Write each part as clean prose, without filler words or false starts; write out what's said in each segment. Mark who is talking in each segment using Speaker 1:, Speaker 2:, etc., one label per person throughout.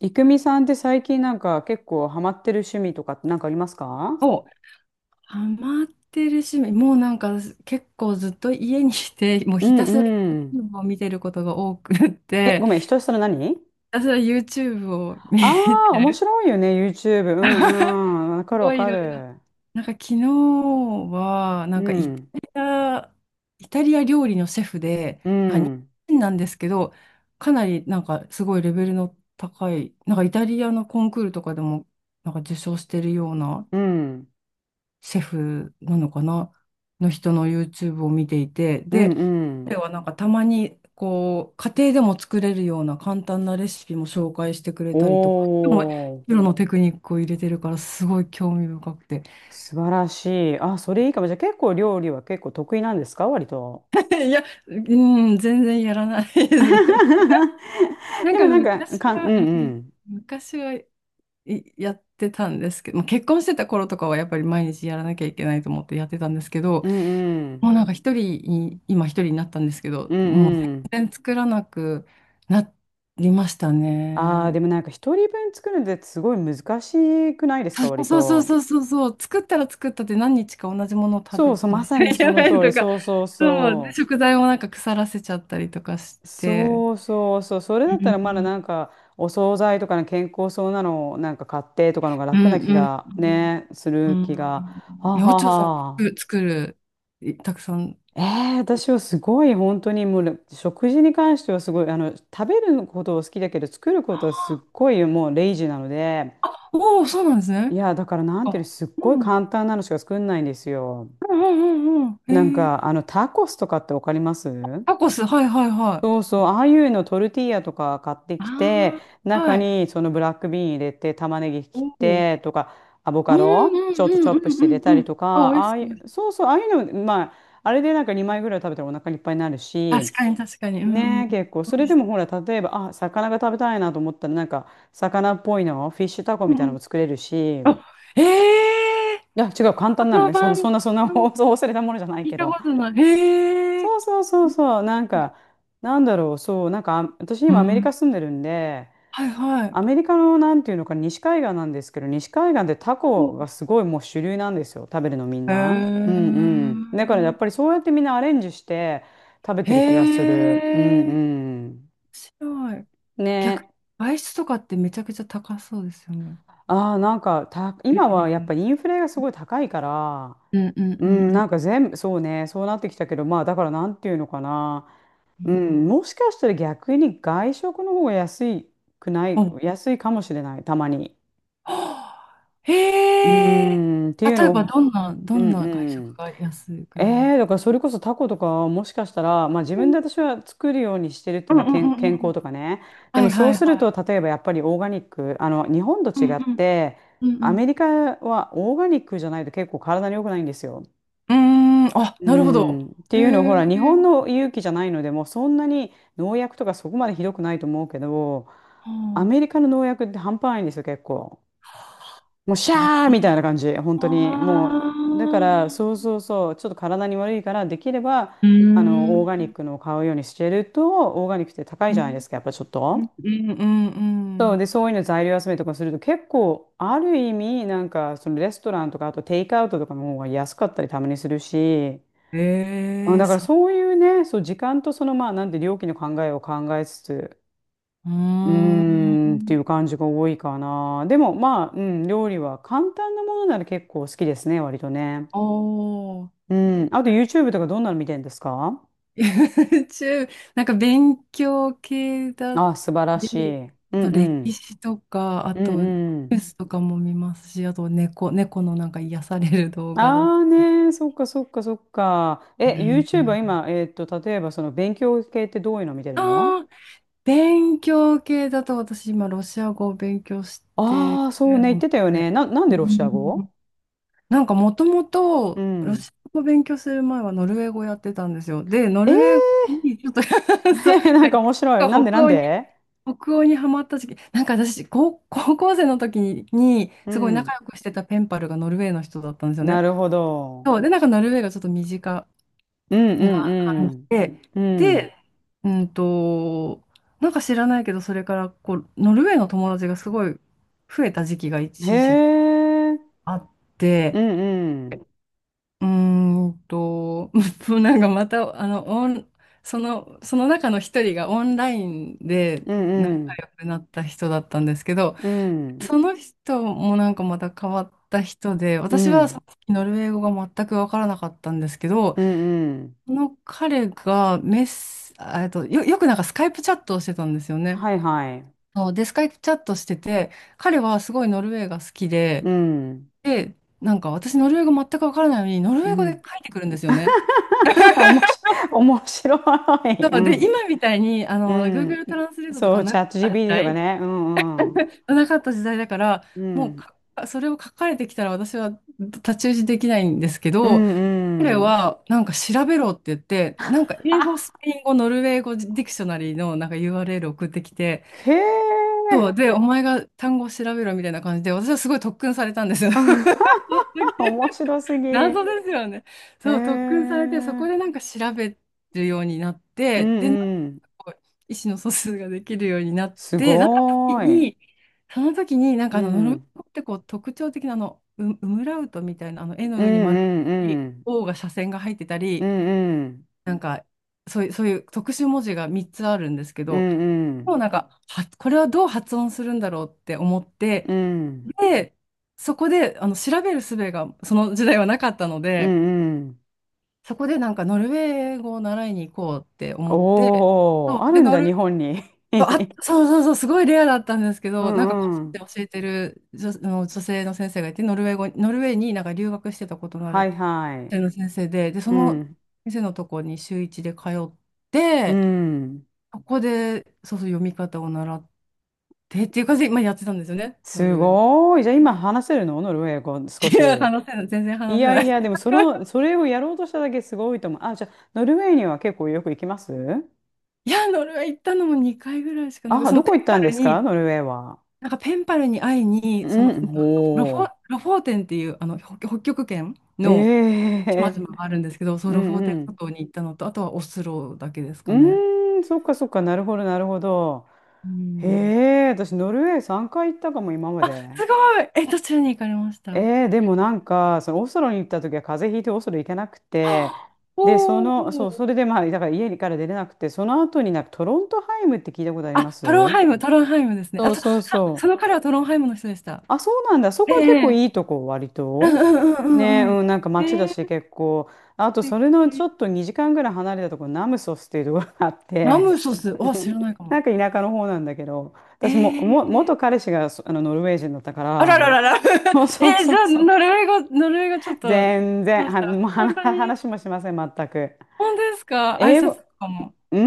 Speaker 1: いくみさんって最近なんか結構ハマってる趣味とかってなんかありますか？
Speaker 2: お、ハマってる趣味、もうなんか結構ずっと家にいて、もう
Speaker 1: う
Speaker 2: ひ
Speaker 1: ん
Speaker 2: たすら
Speaker 1: うん。
Speaker 2: YouTube を見てることが多くっ
Speaker 1: え、
Speaker 2: て、
Speaker 1: ごめん、ひ
Speaker 2: ひ
Speaker 1: としさの何？
Speaker 2: たすら YouTube を見て
Speaker 1: ああー、面
Speaker 2: る。
Speaker 1: 白いよね、YouTube。うん うん。わ
Speaker 2: す
Speaker 1: かるわ
Speaker 2: ごいい
Speaker 1: か
Speaker 2: ろいろ。
Speaker 1: る。
Speaker 2: なんか昨日は、
Speaker 1: うん、
Speaker 2: イタリア料理のシェフで、
Speaker 1: う
Speaker 2: なんか日
Speaker 1: ん、
Speaker 2: 本人なんですけど、かなりなんかすごいレベルの高い、なんかイタリアのコンクールとかでもなんか受賞してるような
Speaker 1: うん、
Speaker 2: シェフなのかなの人の YouTube を見ていて、
Speaker 1: うん、
Speaker 2: で、
Speaker 1: う
Speaker 2: 彼
Speaker 1: ん。
Speaker 2: はなんかたまにこう、家庭でも作れるような簡単なレシピも紹介してくれたりとか、でも、
Speaker 1: お
Speaker 2: プ
Speaker 1: ー、
Speaker 2: ロのテクニックを入れてるからすごい興味深くて。
Speaker 1: 素晴らしい。あ、それいいかも。じゃあ結構料理は結構得意なんですか割と。
Speaker 2: いや、うん、全然やらないです。なん
Speaker 1: で
Speaker 2: か
Speaker 1: もなんか、
Speaker 2: 昔
Speaker 1: う
Speaker 2: は、
Speaker 1: んうん。
Speaker 2: 昔はいやってたんですけど、まあ結婚してた頃とかはやっぱり毎日やらなきゃいけないと思ってやってたんですけど、
Speaker 1: うんう
Speaker 2: も
Speaker 1: ん。
Speaker 2: うなんか一人に、今一人になったんですけど、
Speaker 1: うん
Speaker 2: もう
Speaker 1: うん。
Speaker 2: 全然作らなくなりました
Speaker 1: ああ、で
Speaker 2: ね。
Speaker 1: もなんか一人分作るのってすごい難しくないですか、割
Speaker 2: そうそう
Speaker 1: と。
Speaker 2: そうそうそうそう、作ったら作ったって何日か同じものを食
Speaker 1: そう
Speaker 2: べ
Speaker 1: そう、ま
Speaker 2: ない
Speaker 1: さ
Speaker 2: と
Speaker 1: に
Speaker 2: い
Speaker 1: そ
Speaker 2: け
Speaker 1: の
Speaker 2: ない
Speaker 1: 通り。
Speaker 2: とか、
Speaker 1: そうそう
Speaker 2: そう、で
Speaker 1: そ
Speaker 2: 食材もなんか腐らせちゃったりとかし
Speaker 1: う。
Speaker 2: て。
Speaker 1: そうそうそう。それだ
Speaker 2: う
Speaker 1: ったらまだ
Speaker 2: ん
Speaker 1: なんか、お惣菜とかの健康そうなのをなんか買ってとかのが
Speaker 2: うん
Speaker 1: 楽な気
Speaker 2: うん。
Speaker 1: がね、す
Speaker 2: う
Speaker 1: る
Speaker 2: ん
Speaker 1: 気が。はあ
Speaker 2: え、
Speaker 1: は
Speaker 2: お
Speaker 1: あ
Speaker 2: ちょさん、
Speaker 1: は
Speaker 2: 作
Speaker 1: あ。
Speaker 2: 作る、いたくさん。
Speaker 1: え私はすごい本当にもう食事に関してはすごいあの食べることを好きだけど作ることは
Speaker 2: あ
Speaker 1: すっごいもうレイジーなので、
Speaker 2: おお、そうなんです
Speaker 1: い
Speaker 2: ね。
Speaker 1: やだからなんていう
Speaker 2: あ、
Speaker 1: のすっ
Speaker 2: う
Speaker 1: ごい
Speaker 2: ん。うん
Speaker 1: 簡単なのしか作んないんですよ。
Speaker 2: うんうんうん。
Speaker 1: なん
Speaker 2: へえ。
Speaker 1: か、タコスとかってわかります？
Speaker 2: タコス、はいはいは
Speaker 1: そ
Speaker 2: い。
Speaker 1: うそう、ああいうのトルティーヤとか買ってきて、
Speaker 2: ああ、
Speaker 1: 中
Speaker 2: はい。
Speaker 1: にそのブラックビーン入れて、玉ねぎ
Speaker 2: お
Speaker 1: 切っ
Speaker 2: お。
Speaker 1: てとか、アボ
Speaker 2: う
Speaker 1: カ
Speaker 2: ん
Speaker 1: ドちょっとチ
Speaker 2: うんう
Speaker 1: ョ
Speaker 2: ん
Speaker 1: ッ
Speaker 2: う
Speaker 1: プして入れ
Speaker 2: んう
Speaker 1: た
Speaker 2: んう
Speaker 1: り
Speaker 2: ん。
Speaker 1: とか、
Speaker 2: あ、美味
Speaker 1: あ
Speaker 2: し
Speaker 1: あい
Speaker 2: そう。
Speaker 1: う、そうそう、ああいうの、まあ、あれでなんか2枚ぐらい食べたらお腹いっぱいになるし、
Speaker 2: 確かに確かに。うんうん。
Speaker 1: ねえ、結構、そ
Speaker 2: 美
Speaker 1: れ
Speaker 2: 味
Speaker 1: で
Speaker 2: し
Speaker 1: もほら、例えば、あ、魚が食べたいなと思ったら、なんか、魚っぽいの、フィッシュタコ
Speaker 2: そう。
Speaker 1: み
Speaker 2: うん
Speaker 1: たい
Speaker 2: う
Speaker 1: なの
Speaker 2: ん。
Speaker 1: も作れるし、い
Speaker 2: あ、ええー、
Speaker 1: や、違う、簡単なの
Speaker 2: 花
Speaker 1: ね。そん
Speaker 2: 晩、
Speaker 1: な、そんな、そんな、そう忘れたものじゃない
Speaker 2: 聞い
Speaker 1: け
Speaker 2: たこ
Speaker 1: ど。
Speaker 2: とない。へえ
Speaker 1: そうそうそう
Speaker 2: ー。
Speaker 1: そう、なんか、なんだろう、そう、なんか、あ私
Speaker 2: う
Speaker 1: 今アメリカ
Speaker 2: ん。
Speaker 1: 住んでるんで、
Speaker 2: はいはい。
Speaker 1: アメリカのなんていうのかな、西海岸なんですけど、西海岸でタ
Speaker 2: お
Speaker 1: コが
Speaker 2: う
Speaker 1: すごいもう主流なんですよ、食べるのみん
Speaker 2: へ
Speaker 1: な。うん
Speaker 2: え。
Speaker 1: うん。だからやっぱりそうやってみんなアレンジして食べてる気がする。うん
Speaker 2: へえ。面
Speaker 1: う
Speaker 2: 白い。
Speaker 1: ん。
Speaker 2: 逆に、
Speaker 1: ね。
Speaker 2: 外出とかってめちゃくちゃ高そうですよね。
Speaker 1: ああ、なんかた、
Speaker 2: テ
Speaker 1: 今
Speaker 2: レビ。
Speaker 1: はやっぱインフレがすごい高いから、
Speaker 2: うんうん
Speaker 1: う
Speaker 2: うん
Speaker 1: ん、
Speaker 2: う
Speaker 1: な
Speaker 2: ん。
Speaker 1: んか全部、そうね、そうなってきたけど、まあだからなんていうのかな。
Speaker 2: う
Speaker 1: う
Speaker 2: ん。
Speaker 1: ん、もしかしたら逆に外食の方が
Speaker 2: お、
Speaker 1: 安いかもしれない、たまに。
Speaker 2: はあ
Speaker 1: う
Speaker 2: へえ。
Speaker 1: ん、っていう
Speaker 2: 例え
Speaker 1: の
Speaker 2: ば、
Speaker 1: を、
Speaker 2: どんな、ど
Speaker 1: う
Speaker 2: ん
Speaker 1: ん
Speaker 2: な外
Speaker 1: う
Speaker 2: 食
Speaker 1: ん。
Speaker 2: が安くなりま
Speaker 1: え
Speaker 2: す
Speaker 1: だからそれこそタコとかはもしかしたら、まあ自
Speaker 2: う
Speaker 1: 分
Speaker 2: ん
Speaker 1: で私は作るようにしてるって、
Speaker 2: うん
Speaker 1: まあ、
Speaker 2: うんう
Speaker 1: 健
Speaker 2: んう
Speaker 1: 康
Speaker 2: ん
Speaker 1: とかね。で
Speaker 2: は
Speaker 1: も
Speaker 2: い
Speaker 1: そう
Speaker 2: はい
Speaker 1: する
Speaker 2: はい。
Speaker 1: と、例えばやっぱりオーガニック、日本と
Speaker 2: うん
Speaker 1: 違って、
Speaker 2: うんう
Speaker 1: ア
Speaker 2: ん
Speaker 1: メリカはオーガニックじゃないと結構体に良くないんですよ。
Speaker 2: うん。うーん、あ、
Speaker 1: う
Speaker 2: なるほど。
Speaker 1: ん、って
Speaker 2: へ
Speaker 1: いうのをほ
Speaker 2: え。
Speaker 1: ら日本の勇気じゃないのでもうそんなに農薬とかそこまでひどくないと思うけど、ア
Speaker 2: は
Speaker 1: メリカの農薬って半端ないんですよ結構、もうシ
Speaker 2: あ
Speaker 1: ャーみたいな感じ本
Speaker 2: あ
Speaker 1: 当にもう、だからそう
Speaker 2: あ。
Speaker 1: そうそうちょっと体に悪いからできれば
Speaker 2: うー
Speaker 1: オーガニッ
Speaker 2: ん。
Speaker 1: クのを買うようにしてると、オーガニックって高い
Speaker 2: う
Speaker 1: じゃないで
Speaker 2: ん
Speaker 1: すかやっぱちょっ
Speaker 2: うん
Speaker 1: と。
Speaker 2: うんう
Speaker 1: そう
Speaker 2: ん
Speaker 1: でそういうの材料集めとかすると結構ある意味なんかそのレストランとかあとテイクアウトとかの方が安かったりたまにするし、
Speaker 2: うん。
Speaker 1: あ、
Speaker 2: ええ、
Speaker 1: だから
Speaker 2: そう。
Speaker 1: そういうね、そう、時間とそのまあ、なんて料金の考えを考えつつ、
Speaker 2: うー
Speaker 1: うーんってい
Speaker 2: ん。
Speaker 1: う感じが多いかな。でもまあ、うん、料理は簡単なものなら結構好きですね、割とね。
Speaker 2: おー。
Speaker 1: うん。
Speaker 2: え
Speaker 1: あと YouTube とかどんなの見てるんですか？
Speaker 2: YouTube、なんか勉強系だっ
Speaker 1: あ、素晴らし
Speaker 2: て、
Speaker 1: い。うんう
Speaker 2: あと歴
Speaker 1: ん。
Speaker 2: 史とか、あ
Speaker 1: うん
Speaker 2: とニ
Speaker 1: う
Speaker 2: ュー
Speaker 1: ん。
Speaker 2: スとかも見ますし、あと猫、猫のなんか癒される動画だっ
Speaker 1: ああ
Speaker 2: たり。
Speaker 1: ね、そっかそっかそっか。
Speaker 2: う
Speaker 1: え、
Speaker 2: んう
Speaker 1: YouTube は
Speaker 2: ん
Speaker 1: 今、例えばその勉強系ってどういうの見てるの？
Speaker 2: あー勉強系だと私今ロシア語を勉強して
Speaker 1: ああー、そう
Speaker 2: る
Speaker 1: ね、言っ
Speaker 2: ので、
Speaker 1: てたよね。なんで
Speaker 2: う
Speaker 1: ロシア
Speaker 2: ん
Speaker 1: 語？
Speaker 2: なんかもとも
Speaker 1: う
Speaker 2: とロ
Speaker 1: ん。
Speaker 2: シア語を勉強する前はノルウェー語やってたんですよ。で、ノ
Speaker 1: えー
Speaker 2: ルウェー語にちょっと そう、
Speaker 1: なんか面白い。なんでな
Speaker 2: 北
Speaker 1: ん
Speaker 2: 欧に
Speaker 1: で？
Speaker 2: 北欧にハマった時期、なんか私、高校生の時に、に
Speaker 1: う
Speaker 2: すごい
Speaker 1: ん。
Speaker 2: 仲良くしてたペンパルがノルウェーの人だったんですよ
Speaker 1: な
Speaker 2: ね。
Speaker 1: るほど。
Speaker 2: そう、で、なんかノルウェーがちょっと身近
Speaker 1: うん
Speaker 2: な感
Speaker 1: う
Speaker 2: じ
Speaker 1: ん
Speaker 2: で、
Speaker 1: うん。
Speaker 2: で、うんと、なんか知らないけど、それからこう、ノルウェーの友達がすごい増えた時期が
Speaker 1: うん。へ
Speaker 2: 一時期
Speaker 1: え。
Speaker 2: あっ
Speaker 1: う
Speaker 2: て、
Speaker 1: んうん。
Speaker 2: うーんと、なんかまた、あの、オン、その、その中の一人がオンラインで
Speaker 1: うん
Speaker 2: 仲
Speaker 1: うん。
Speaker 2: 良くなった人だったんですけど、
Speaker 1: うん。
Speaker 2: その人もなんかまた変わった人で、
Speaker 1: う
Speaker 2: 私はさ
Speaker 1: ん。
Speaker 2: っきノルウェー語が全く分からなかったんですけど、
Speaker 1: うんうんうん
Speaker 2: その彼がメッセ、あえっと、よ、よくなんかスカイプチャットをしてたんですよね。
Speaker 1: はいはい。
Speaker 2: そうで、スカイプチャットしてて、彼はすごいノルウェーが好き
Speaker 1: う
Speaker 2: で、
Speaker 1: ん。
Speaker 2: で、なんか私ノルウェー語全く分からないのに、ノルウ
Speaker 1: う
Speaker 2: ェー語で書
Speaker 1: ん。
Speaker 2: いてくるんですよね。
Speaker 1: おもし、面白
Speaker 2: そ
Speaker 1: い。う
Speaker 2: うで、
Speaker 1: ん。
Speaker 2: 今みたいに、あ
Speaker 1: う
Speaker 2: の、
Speaker 1: ん。
Speaker 2: Google トランスレートと
Speaker 1: そ
Speaker 2: か
Speaker 1: う、チ
Speaker 2: なか
Speaker 1: ャ
Speaker 2: っ
Speaker 1: ット
Speaker 2: た時
Speaker 1: GPT とか
Speaker 2: 代、
Speaker 1: ね。うんうん。
Speaker 2: なかった時代だから、
Speaker 1: う
Speaker 2: もう
Speaker 1: ん。
Speaker 2: かそれを書かれてきたら私は太刀打ちできないんですけ
Speaker 1: う
Speaker 2: ど、
Speaker 1: ん
Speaker 2: 彼
Speaker 1: うん。
Speaker 2: は、なんか調べろって言って、なんか 英語、
Speaker 1: は
Speaker 2: スペイン語、ノルウェー語ディクショナリーのなんか URL 送ってきて、
Speaker 1: へ
Speaker 2: そ
Speaker 1: え。
Speaker 2: う、で、お前が単語を調べろみたいな感じで、私はすごい特訓されたんですよ。そうす げえ
Speaker 1: 面白すぎ。
Speaker 2: 謎ですよね。
Speaker 1: へ
Speaker 2: そう、特訓されて、そこでな
Speaker 1: え。
Speaker 2: んか調べるようになっ
Speaker 1: う
Speaker 2: て、
Speaker 1: ん
Speaker 2: で、なんか
Speaker 1: うん。
Speaker 2: こう意思の疎通ができるようになっ
Speaker 1: す
Speaker 2: て、なった時
Speaker 1: ごーい。
Speaker 2: に、その時に、
Speaker 1: う
Speaker 2: ノルウェー
Speaker 1: ん。
Speaker 2: 語ってこう特徴的なあの、ウムラウトみたいな、あの、絵の
Speaker 1: うん
Speaker 2: 上に丸
Speaker 1: う
Speaker 2: があっ
Speaker 1: ん
Speaker 2: たり、
Speaker 1: うん。
Speaker 2: O が斜線が入ってた
Speaker 1: う
Speaker 2: り、
Speaker 1: んうん。
Speaker 2: なんか、そういう特殊文字が3つあるんですけ
Speaker 1: う
Speaker 2: ど、
Speaker 1: んう
Speaker 2: もう
Speaker 1: ん。
Speaker 2: なんか、は、これはどう発音するんだろうって思って、
Speaker 1: うん
Speaker 2: で、そこで、あの、調べる術がその時代はなかったの
Speaker 1: う
Speaker 2: で、
Speaker 1: ん。
Speaker 2: そこでなんかノルウェー語を習いに行こうって思って、
Speaker 1: お
Speaker 2: そう、
Speaker 1: ー、あ
Speaker 2: で、
Speaker 1: るんだ、日本に。
Speaker 2: あ、そうそうそう、すごいレアだったんですけ
Speaker 1: う
Speaker 2: ど、なんか個
Speaker 1: ん
Speaker 2: 人
Speaker 1: う
Speaker 2: で
Speaker 1: ん。
Speaker 2: 教えてる女、あの女性の先生がいて、ノルウェーになんか留学してたことのあ
Speaker 1: は
Speaker 2: る
Speaker 1: いはい。
Speaker 2: 女性の先生で、で、そ
Speaker 1: う
Speaker 2: の
Speaker 1: ん。
Speaker 2: 先生のとこに週一で通っ
Speaker 1: う
Speaker 2: て、
Speaker 1: ん。
Speaker 2: ここで、そうそう、読み方を習ってっていう感じで、今やってたんですよね、ノ
Speaker 1: す
Speaker 2: ルウェーで。
Speaker 1: ごーい。じゃあ
Speaker 2: う
Speaker 1: 今
Speaker 2: ん
Speaker 1: 話せるのノルウェー語少
Speaker 2: い
Speaker 1: し？
Speaker 2: や、話せない、全然
Speaker 1: い
Speaker 2: 話せ
Speaker 1: や
Speaker 2: な
Speaker 1: い
Speaker 2: い。
Speaker 1: や、でも その、それをやろうとしただけすごいと思う。あ、じゃあ、ノルウェーには結構よく行きます？
Speaker 2: いや、ノルウェー行ったのも2回ぐらいしかなく、
Speaker 1: あ、
Speaker 2: その
Speaker 1: どこ
Speaker 2: ペン
Speaker 1: 行った
Speaker 2: パ
Speaker 1: んで
Speaker 2: ル
Speaker 1: すか
Speaker 2: に、
Speaker 1: ノルウェーは？
Speaker 2: なんかペンパルに会いに、その
Speaker 1: うん、
Speaker 2: ロフォ、
Speaker 1: ほ
Speaker 2: ロフォーテンっていうあの北北極圏
Speaker 1: う。
Speaker 2: の
Speaker 1: へ
Speaker 2: 島々
Speaker 1: え、
Speaker 2: があるんですけど、そう、
Speaker 1: う
Speaker 2: ロフォ
Speaker 1: ん
Speaker 2: ーテ
Speaker 1: う
Speaker 2: ン諸
Speaker 1: ん。
Speaker 2: 島に行ったのと、あとはオスロだけです
Speaker 1: う
Speaker 2: かね。
Speaker 1: ーん、そっかそっか、なるほど、なるほど。
Speaker 2: う
Speaker 1: へ
Speaker 2: ん。
Speaker 1: え、私、ノルウェー3回行ったかも、今まで。
Speaker 2: すごい。え、どちらに行かれましたは
Speaker 1: でもなんか、そのオスロに行った時は風邪ひいてオスロ行けなく
Speaker 2: あ
Speaker 1: て、で、そ
Speaker 2: お
Speaker 1: の、そう、
Speaker 2: お
Speaker 1: それでまあ、だから家から出れなくて、その後になんかトロントハイムって聞いたことあります？
Speaker 2: トロンハイムですね。
Speaker 1: そうそうそ
Speaker 2: その
Speaker 1: う。
Speaker 2: 彼はトロンハイムの人でした。
Speaker 1: あ、そうなんだ。そ
Speaker 2: え
Speaker 1: こは結構
Speaker 2: え
Speaker 1: いいとこ、割
Speaker 2: うんう
Speaker 1: と。
Speaker 2: んう
Speaker 1: ね、
Speaker 2: んうんう
Speaker 1: う
Speaker 2: ん。
Speaker 1: ん、なんか
Speaker 2: え
Speaker 1: 街だし、
Speaker 2: え
Speaker 1: 結構。
Speaker 2: 素
Speaker 1: あと、そ
Speaker 2: 敵
Speaker 1: れのちょっと2時間ぐらい離れたところ、ナムソスっていうところがあっ
Speaker 2: ラ
Speaker 1: て、
Speaker 2: ムソス、あ、知 らないか
Speaker 1: な
Speaker 2: も。
Speaker 1: んか田舎の方なんだけど、
Speaker 2: え
Speaker 1: 私も、
Speaker 2: え
Speaker 1: 元彼氏があのノルウェー人だった
Speaker 2: あらら
Speaker 1: か
Speaker 2: らら。
Speaker 1: ら、そう
Speaker 2: えー、じ
Speaker 1: そうそ
Speaker 2: ゃ
Speaker 1: う
Speaker 2: あ、
Speaker 1: そう。
Speaker 2: ノルウェー語ちょっと、し
Speaker 1: 全
Speaker 2: ま
Speaker 1: 然、
Speaker 2: した。
Speaker 1: もう
Speaker 2: 本
Speaker 1: 話
Speaker 2: 当に
Speaker 1: 話もしません、全く。
Speaker 2: 本当ですか挨
Speaker 1: 英
Speaker 2: 拶と
Speaker 1: 語、
Speaker 2: かも。
Speaker 1: う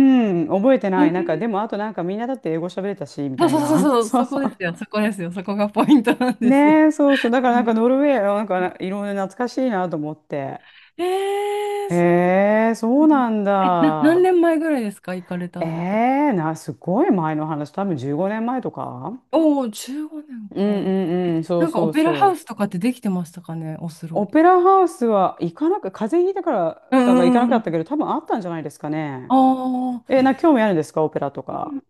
Speaker 1: ん、覚えて
Speaker 2: え
Speaker 1: ない。なんか、
Speaker 2: ー
Speaker 1: でも、あとなんかみんなだって英語喋れたし、み
Speaker 2: そう
Speaker 1: たい
Speaker 2: そうそう
Speaker 1: な。
Speaker 2: そう、
Speaker 1: そうそう
Speaker 2: そこですよ、そこがポイントなんですよ。
Speaker 1: ねえ、そうそう。だからな
Speaker 2: う
Speaker 1: ん
Speaker 2: ん
Speaker 1: かノルウェーなんかいろいろ懐かしいなと思って。
Speaker 2: えー、そう
Speaker 1: へえ、
Speaker 2: な
Speaker 1: そう
Speaker 2: んだ
Speaker 1: なん
Speaker 2: 何
Speaker 1: だ。
Speaker 2: 年前ぐらいですか行かれた
Speaker 1: え
Speaker 2: のって。
Speaker 1: え、すごい前の話、多分15年前とか、
Speaker 2: おお、15年
Speaker 1: うん
Speaker 2: か。
Speaker 1: うんうん、そう
Speaker 2: なんかオ
Speaker 1: そう
Speaker 2: ペラハウ
Speaker 1: そう。
Speaker 2: スとかってできてましたかね、オス
Speaker 1: オ
Speaker 2: ロ。
Speaker 1: ペラハウスは行かなく、風邪ひいたから、
Speaker 2: う
Speaker 1: だ
Speaker 2: んう
Speaker 1: から行か
Speaker 2: ん
Speaker 1: な
Speaker 2: うん
Speaker 1: かっ
Speaker 2: う
Speaker 1: たけ
Speaker 2: ん。
Speaker 1: ど、多分あったんじゃないですか
Speaker 2: あ
Speaker 1: ね。え、
Speaker 2: あ。
Speaker 1: 興味あるんですか、オペラとか？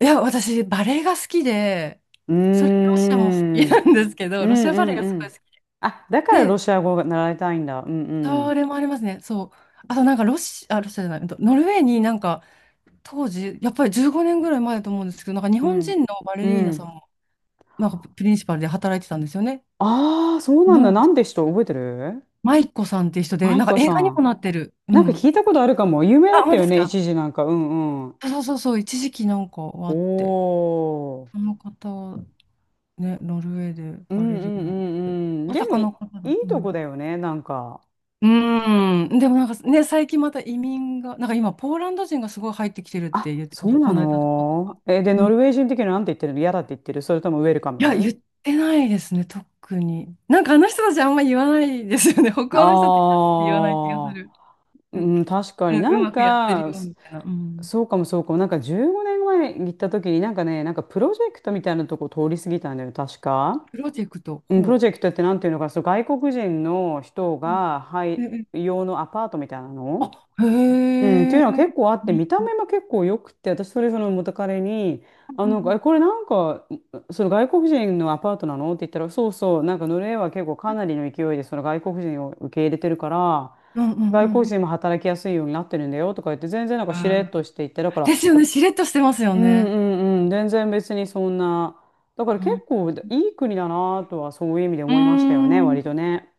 Speaker 2: いや、私、バレエが好きで、
Speaker 1: うー
Speaker 2: それ、ロシアも好き
Speaker 1: ん、う
Speaker 2: な
Speaker 1: ん
Speaker 2: んですけ
Speaker 1: う
Speaker 2: ど、ロシアバレエ
Speaker 1: ん
Speaker 2: がす
Speaker 1: う
Speaker 2: ごい
Speaker 1: ん。
Speaker 2: 好き
Speaker 1: あ、だからロ
Speaker 2: で、
Speaker 1: シア語が習いたいんだ。うんうん。
Speaker 2: それもありますね、そう。あと、なんか、ロシア、あ、ロシアじゃない、うんとノルウェーになんか、当時、やっぱり15年ぐらい前だと思うんですけど、なんか、日
Speaker 1: う
Speaker 2: 本
Speaker 1: ん、
Speaker 2: 人のバレ
Speaker 1: う
Speaker 2: リーナさん
Speaker 1: ん。
Speaker 2: も、なんか、プリンシパルで働いてたんですよね。
Speaker 1: ああ、そうな
Speaker 2: う
Speaker 1: んだ。
Speaker 2: ん。
Speaker 1: なんで人覚えてる？
Speaker 2: マイコさんっていう人で、
Speaker 1: マイ
Speaker 2: なんか、
Speaker 1: コ
Speaker 2: 映
Speaker 1: さ
Speaker 2: 画にも
Speaker 1: ん。
Speaker 2: なってる。う
Speaker 1: なんか
Speaker 2: ん。
Speaker 1: 聞いたことあるかも。有名だ
Speaker 2: あ、
Speaker 1: った
Speaker 2: 本当
Speaker 1: よ
Speaker 2: です
Speaker 1: ね、
Speaker 2: か
Speaker 1: 一時なんか。うんうん。
Speaker 2: そうそうそう、一時期なんかはあって、
Speaker 1: お
Speaker 2: そ
Speaker 1: ー。
Speaker 2: の方、ね、ノルウェーで
Speaker 1: う
Speaker 2: バ
Speaker 1: んう
Speaker 2: レリ
Speaker 1: ん
Speaker 2: ーナって、
Speaker 1: うんうん。
Speaker 2: ま
Speaker 1: で
Speaker 2: さ
Speaker 1: も
Speaker 2: かの方だ
Speaker 1: い
Speaker 2: った。
Speaker 1: い
Speaker 2: う
Speaker 1: と
Speaker 2: ん
Speaker 1: こだよね、なんか。
Speaker 2: うーん、でもなんかね、最近また移民が、なんか今、ポーランド人がすごい入ってきてるっ
Speaker 1: あ、
Speaker 2: て言ってま
Speaker 1: そ
Speaker 2: し
Speaker 1: う
Speaker 2: た、こ
Speaker 1: な
Speaker 2: の間とか。
Speaker 1: の？え、で、
Speaker 2: うん、
Speaker 1: ノ
Speaker 2: い
Speaker 1: ルウェー人的にはなんて言ってるの？嫌だって言ってる？それともウェルカ
Speaker 2: や、言
Speaker 1: ム？
Speaker 2: ってないですね、特に。なんかあの人たちあんま言わないですよね、北欧の人って言わない気がす
Speaker 1: あ
Speaker 2: る。
Speaker 1: あ、う
Speaker 2: う
Speaker 1: ん、確か
Speaker 2: うん、
Speaker 1: に
Speaker 2: う
Speaker 1: なん
Speaker 2: まくやってる
Speaker 1: か、
Speaker 2: よみたいな。うん、
Speaker 1: そうかもそうかも。なんか15年前に行った時になんかね、なんかプロジェクトみたいなとこ通り過ぎたんだよ、確か。
Speaker 2: プロジェクト、
Speaker 1: うん、プロ
Speaker 2: ほ
Speaker 1: ジェクトってなんていうのか、そう、外国人の人
Speaker 2: う。
Speaker 1: が、は
Speaker 2: あ、え
Speaker 1: い、
Speaker 2: え、
Speaker 1: 用のアパートみたいな
Speaker 2: あ、
Speaker 1: の。
Speaker 2: へ
Speaker 1: うん、ってい
Speaker 2: え。
Speaker 1: うのは結構あって、見た目も結構良くて、私それその元彼に、あ
Speaker 2: う
Speaker 1: の、え、
Speaker 2: ん
Speaker 1: これなんか、その外国人のアパートなのって言ったら、そうそう、なんかノルウェーは結構かなりの勢いでその外国人を受け入れてるから、
Speaker 2: うんうんう
Speaker 1: 外
Speaker 2: ん
Speaker 1: 国
Speaker 2: うん
Speaker 1: 人も働きやすいようになってるんだよとか言って、全然なん
Speaker 2: う
Speaker 1: かしれっ
Speaker 2: ん、
Speaker 1: として言って、だか
Speaker 2: ですよ
Speaker 1: ら、
Speaker 2: ね。しれっとしてますよ
Speaker 1: うんう
Speaker 2: ね。
Speaker 1: んうん、全然別にそんな。だから
Speaker 2: う
Speaker 1: 結
Speaker 2: ん。う
Speaker 1: 構いい国だなとはそういう意味で
Speaker 2: ー
Speaker 1: 思いましたよね、
Speaker 2: ん、
Speaker 1: 割とね。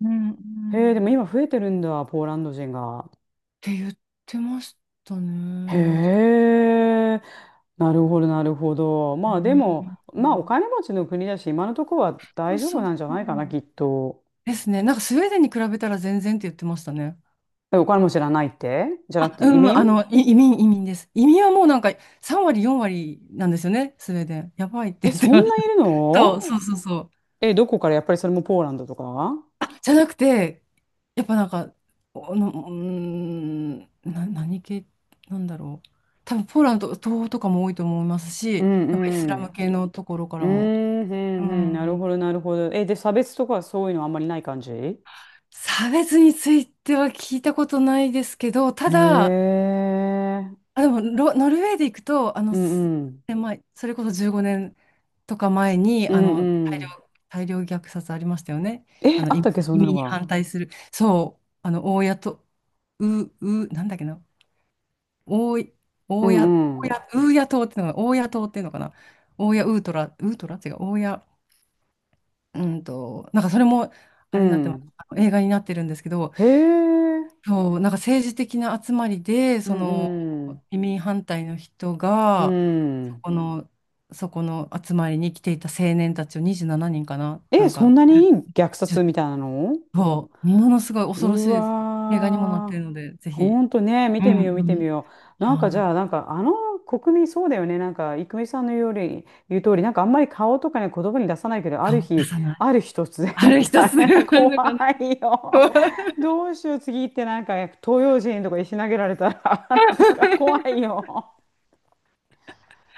Speaker 2: うんう
Speaker 1: へえ、で
Speaker 2: ん
Speaker 1: も
Speaker 2: っ
Speaker 1: 今増えてるんだ、ポーランド人が。
Speaker 2: て言ってましたね。
Speaker 1: へ
Speaker 2: なぜ
Speaker 1: え、なるほ
Speaker 2: か。
Speaker 1: ど、なるほど。
Speaker 2: う
Speaker 1: まあでも、
Speaker 2: んう
Speaker 1: まあお
Speaker 2: ん、
Speaker 1: 金持ちの国だし、今のところは大丈夫
Speaker 2: そう
Speaker 1: なんじゃないかな、
Speaker 2: そう
Speaker 1: きっと。
Speaker 2: ですね。なんかスウェーデンに比べたら全然って言ってましたね。
Speaker 1: え、お金持ちじゃないってじゃ
Speaker 2: あ、
Speaker 1: なくて
Speaker 2: う
Speaker 1: 移
Speaker 2: ん、
Speaker 1: 民？
Speaker 2: あの、い移民、移民です。移民はもうなんか3割、4割なんですよね、スウェーデン。やばいって
Speaker 1: え、
Speaker 2: 言って
Speaker 1: そ
Speaker 2: ま
Speaker 1: ん
Speaker 2: した。
Speaker 1: ないる
Speaker 2: そう、そ
Speaker 1: の？
Speaker 2: うそうそう。
Speaker 1: え、どこからやっぱりそれもポーランドとか？
Speaker 2: あ、じゃなくて、やっぱなんか、うーん、何系なんだろう。多分ポーランド、東欧とかも多いと思います
Speaker 1: う
Speaker 2: し、やっぱイスラ
Speaker 1: んうん。
Speaker 2: ム系のところか
Speaker 1: うー
Speaker 2: らも。
Speaker 1: ん、う
Speaker 2: う
Speaker 1: ん、うん、なる
Speaker 2: ん。
Speaker 1: ほど、なるほど。え、で、差別とかそういうのあんまりない感じ？へ
Speaker 2: 差別については聞いたことないですけど、た
Speaker 1: え。
Speaker 2: だ、あ、でもノルウェーで行くと、
Speaker 1: うんうん。
Speaker 2: で、まあ、それこそ15年とか前に、
Speaker 1: う
Speaker 2: あ
Speaker 1: ん
Speaker 2: の、
Speaker 1: うん。
Speaker 2: 大量虐殺ありましたよね。
Speaker 1: え、
Speaker 2: あの、
Speaker 1: あったっけ、そ
Speaker 2: 移
Speaker 1: んな
Speaker 2: 民
Speaker 1: の
Speaker 2: に
Speaker 1: が？
Speaker 2: 反対する。そう、あの、大家と、う、なんだっけな、大い、
Speaker 1: う
Speaker 2: 大谷、
Speaker 1: んう
Speaker 2: 大
Speaker 1: ん。
Speaker 2: 谷、ウーヤ島っていうのが、大谷島っていうのかな。大谷ウートラ、ウートラ違う、大谷、なんかそれも、
Speaker 1: う
Speaker 2: あれになってます。
Speaker 1: ん。
Speaker 2: あの映画になってるんですけど、
Speaker 1: へえ。
Speaker 2: そう、なんか政治的な集まりで、
Speaker 1: う
Speaker 2: その、
Speaker 1: んうん。
Speaker 2: 移民反対の人
Speaker 1: う
Speaker 2: が、そ
Speaker 1: ん。
Speaker 2: この、そこの集まりに来ていた青年たちを27人かな、な
Speaker 1: え、
Speaker 2: ん
Speaker 1: そん
Speaker 2: か、
Speaker 1: なに虐
Speaker 2: ちょ
Speaker 1: 殺みたいなの？
Speaker 2: そう、ものすごい恐ろし
Speaker 1: う
Speaker 2: いですよ。映画にもなって
Speaker 1: わー。
Speaker 2: るので、ぜひ。
Speaker 1: ほんとね、見
Speaker 2: う
Speaker 1: て
Speaker 2: ん
Speaker 1: み
Speaker 2: う
Speaker 1: よう、見て
Speaker 2: ん。
Speaker 1: みよう。なんかじ
Speaker 2: はい、
Speaker 1: ゃあ、なんかあの国民そうだよね。なんか、郁美さんのように言う通り、なんかあんまり顔とかね、言葉に出さないけど、あ
Speaker 2: そ
Speaker 1: る
Speaker 2: う、出
Speaker 1: 日、
Speaker 2: さない。
Speaker 1: ある日突然
Speaker 2: あ
Speaker 1: み
Speaker 2: る
Speaker 1: た
Speaker 2: 一
Speaker 1: い
Speaker 2: つ。
Speaker 1: な、
Speaker 2: な
Speaker 1: 怖
Speaker 2: かなか、
Speaker 1: い
Speaker 2: う
Speaker 1: よ。
Speaker 2: ん
Speaker 1: どうしよう、次行ってなんか東洋人とか石投げられたら、 なんか怖いよ。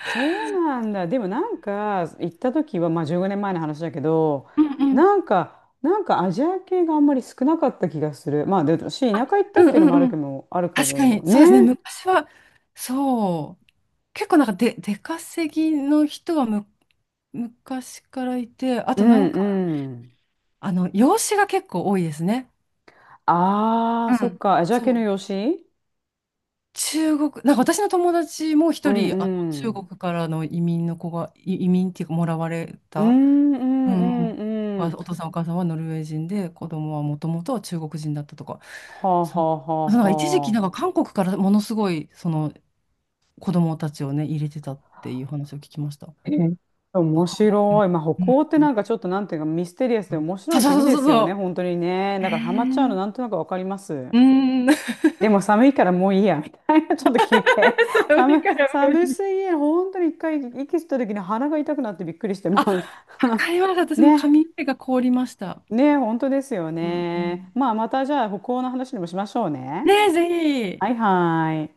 Speaker 1: そうなんだ。でもなんか行った時はまあ15年前の話だけど、
Speaker 2: うん
Speaker 1: なんか、なんかアジア系があんまり少なかった気がする。まあで、私田舎行った
Speaker 2: うん
Speaker 1: っていうの
Speaker 2: う
Speaker 1: もあ
Speaker 2: んう
Speaker 1: るけ
Speaker 2: ん、
Speaker 1: ど、あるけ
Speaker 2: 確か
Speaker 1: ど
Speaker 2: に、そ
Speaker 1: ね。
Speaker 2: うですね。昔は、そう。結構なんかで、出稼ぎの人は、昔からいて、あ
Speaker 1: う
Speaker 2: とな
Speaker 1: ん
Speaker 2: んか、
Speaker 1: うん。
Speaker 2: あの、養子が結構多いですね。
Speaker 1: あ
Speaker 2: う
Speaker 1: あ、そっ
Speaker 2: ん。
Speaker 1: か。アジア系
Speaker 2: そ
Speaker 1: の
Speaker 2: う。
Speaker 1: 養子？
Speaker 2: 中国、なんか私の友達も
Speaker 1: う
Speaker 2: 一
Speaker 1: ん
Speaker 2: 人、あの、
Speaker 1: う
Speaker 2: 中
Speaker 1: ん。
Speaker 2: 国からの移民の子が、移民っていうか、もらわれ
Speaker 1: う
Speaker 2: た、
Speaker 1: んうん
Speaker 2: うん。
Speaker 1: うんうん。
Speaker 2: お父さんお母さんはノルウェー人で、子供はもともとは中国人だったとか。
Speaker 1: はあは
Speaker 2: そう。
Speaker 1: あはあ
Speaker 2: なんか一時期、なん
Speaker 1: はあ。
Speaker 2: か韓国からものすごい、その子供たちをね、入れてたっていう話を聞きました。
Speaker 1: えー
Speaker 2: あ、
Speaker 1: 面
Speaker 2: 韓国
Speaker 1: 白い。まあ、
Speaker 2: で
Speaker 1: 北
Speaker 2: も。
Speaker 1: 欧って
Speaker 2: う
Speaker 1: な
Speaker 2: ん。
Speaker 1: んかちょっとなんていうかミステリアスで面
Speaker 2: そ
Speaker 1: 白
Speaker 2: う
Speaker 1: い国
Speaker 2: そう
Speaker 1: で
Speaker 2: そうそう
Speaker 1: すよね。
Speaker 2: そ
Speaker 1: 本当にね。
Speaker 2: う。へ
Speaker 1: だからハマっちゃうのな
Speaker 2: え。
Speaker 1: んとなくわかります。
Speaker 2: うん。
Speaker 1: でも寒いからもういいや、みたいな、ちょっと休憩。
Speaker 2: それからもう
Speaker 1: 寒
Speaker 2: いい。
Speaker 1: すぎる。本当に一回息吸った時に鼻が痛くなってびっくりして、
Speaker 2: あ、
Speaker 1: も
Speaker 2: わ
Speaker 1: う
Speaker 2: かりました。私も
Speaker 1: ね、
Speaker 2: 髪の毛が凍りました。
Speaker 1: ね、本当ですよ
Speaker 2: うんう
Speaker 1: ね。
Speaker 2: ん。
Speaker 1: まあ、またじゃあ、北欧の話でもしましょうね。
Speaker 2: ねえ、ぜ
Speaker 1: はい
Speaker 2: ひ。
Speaker 1: はい。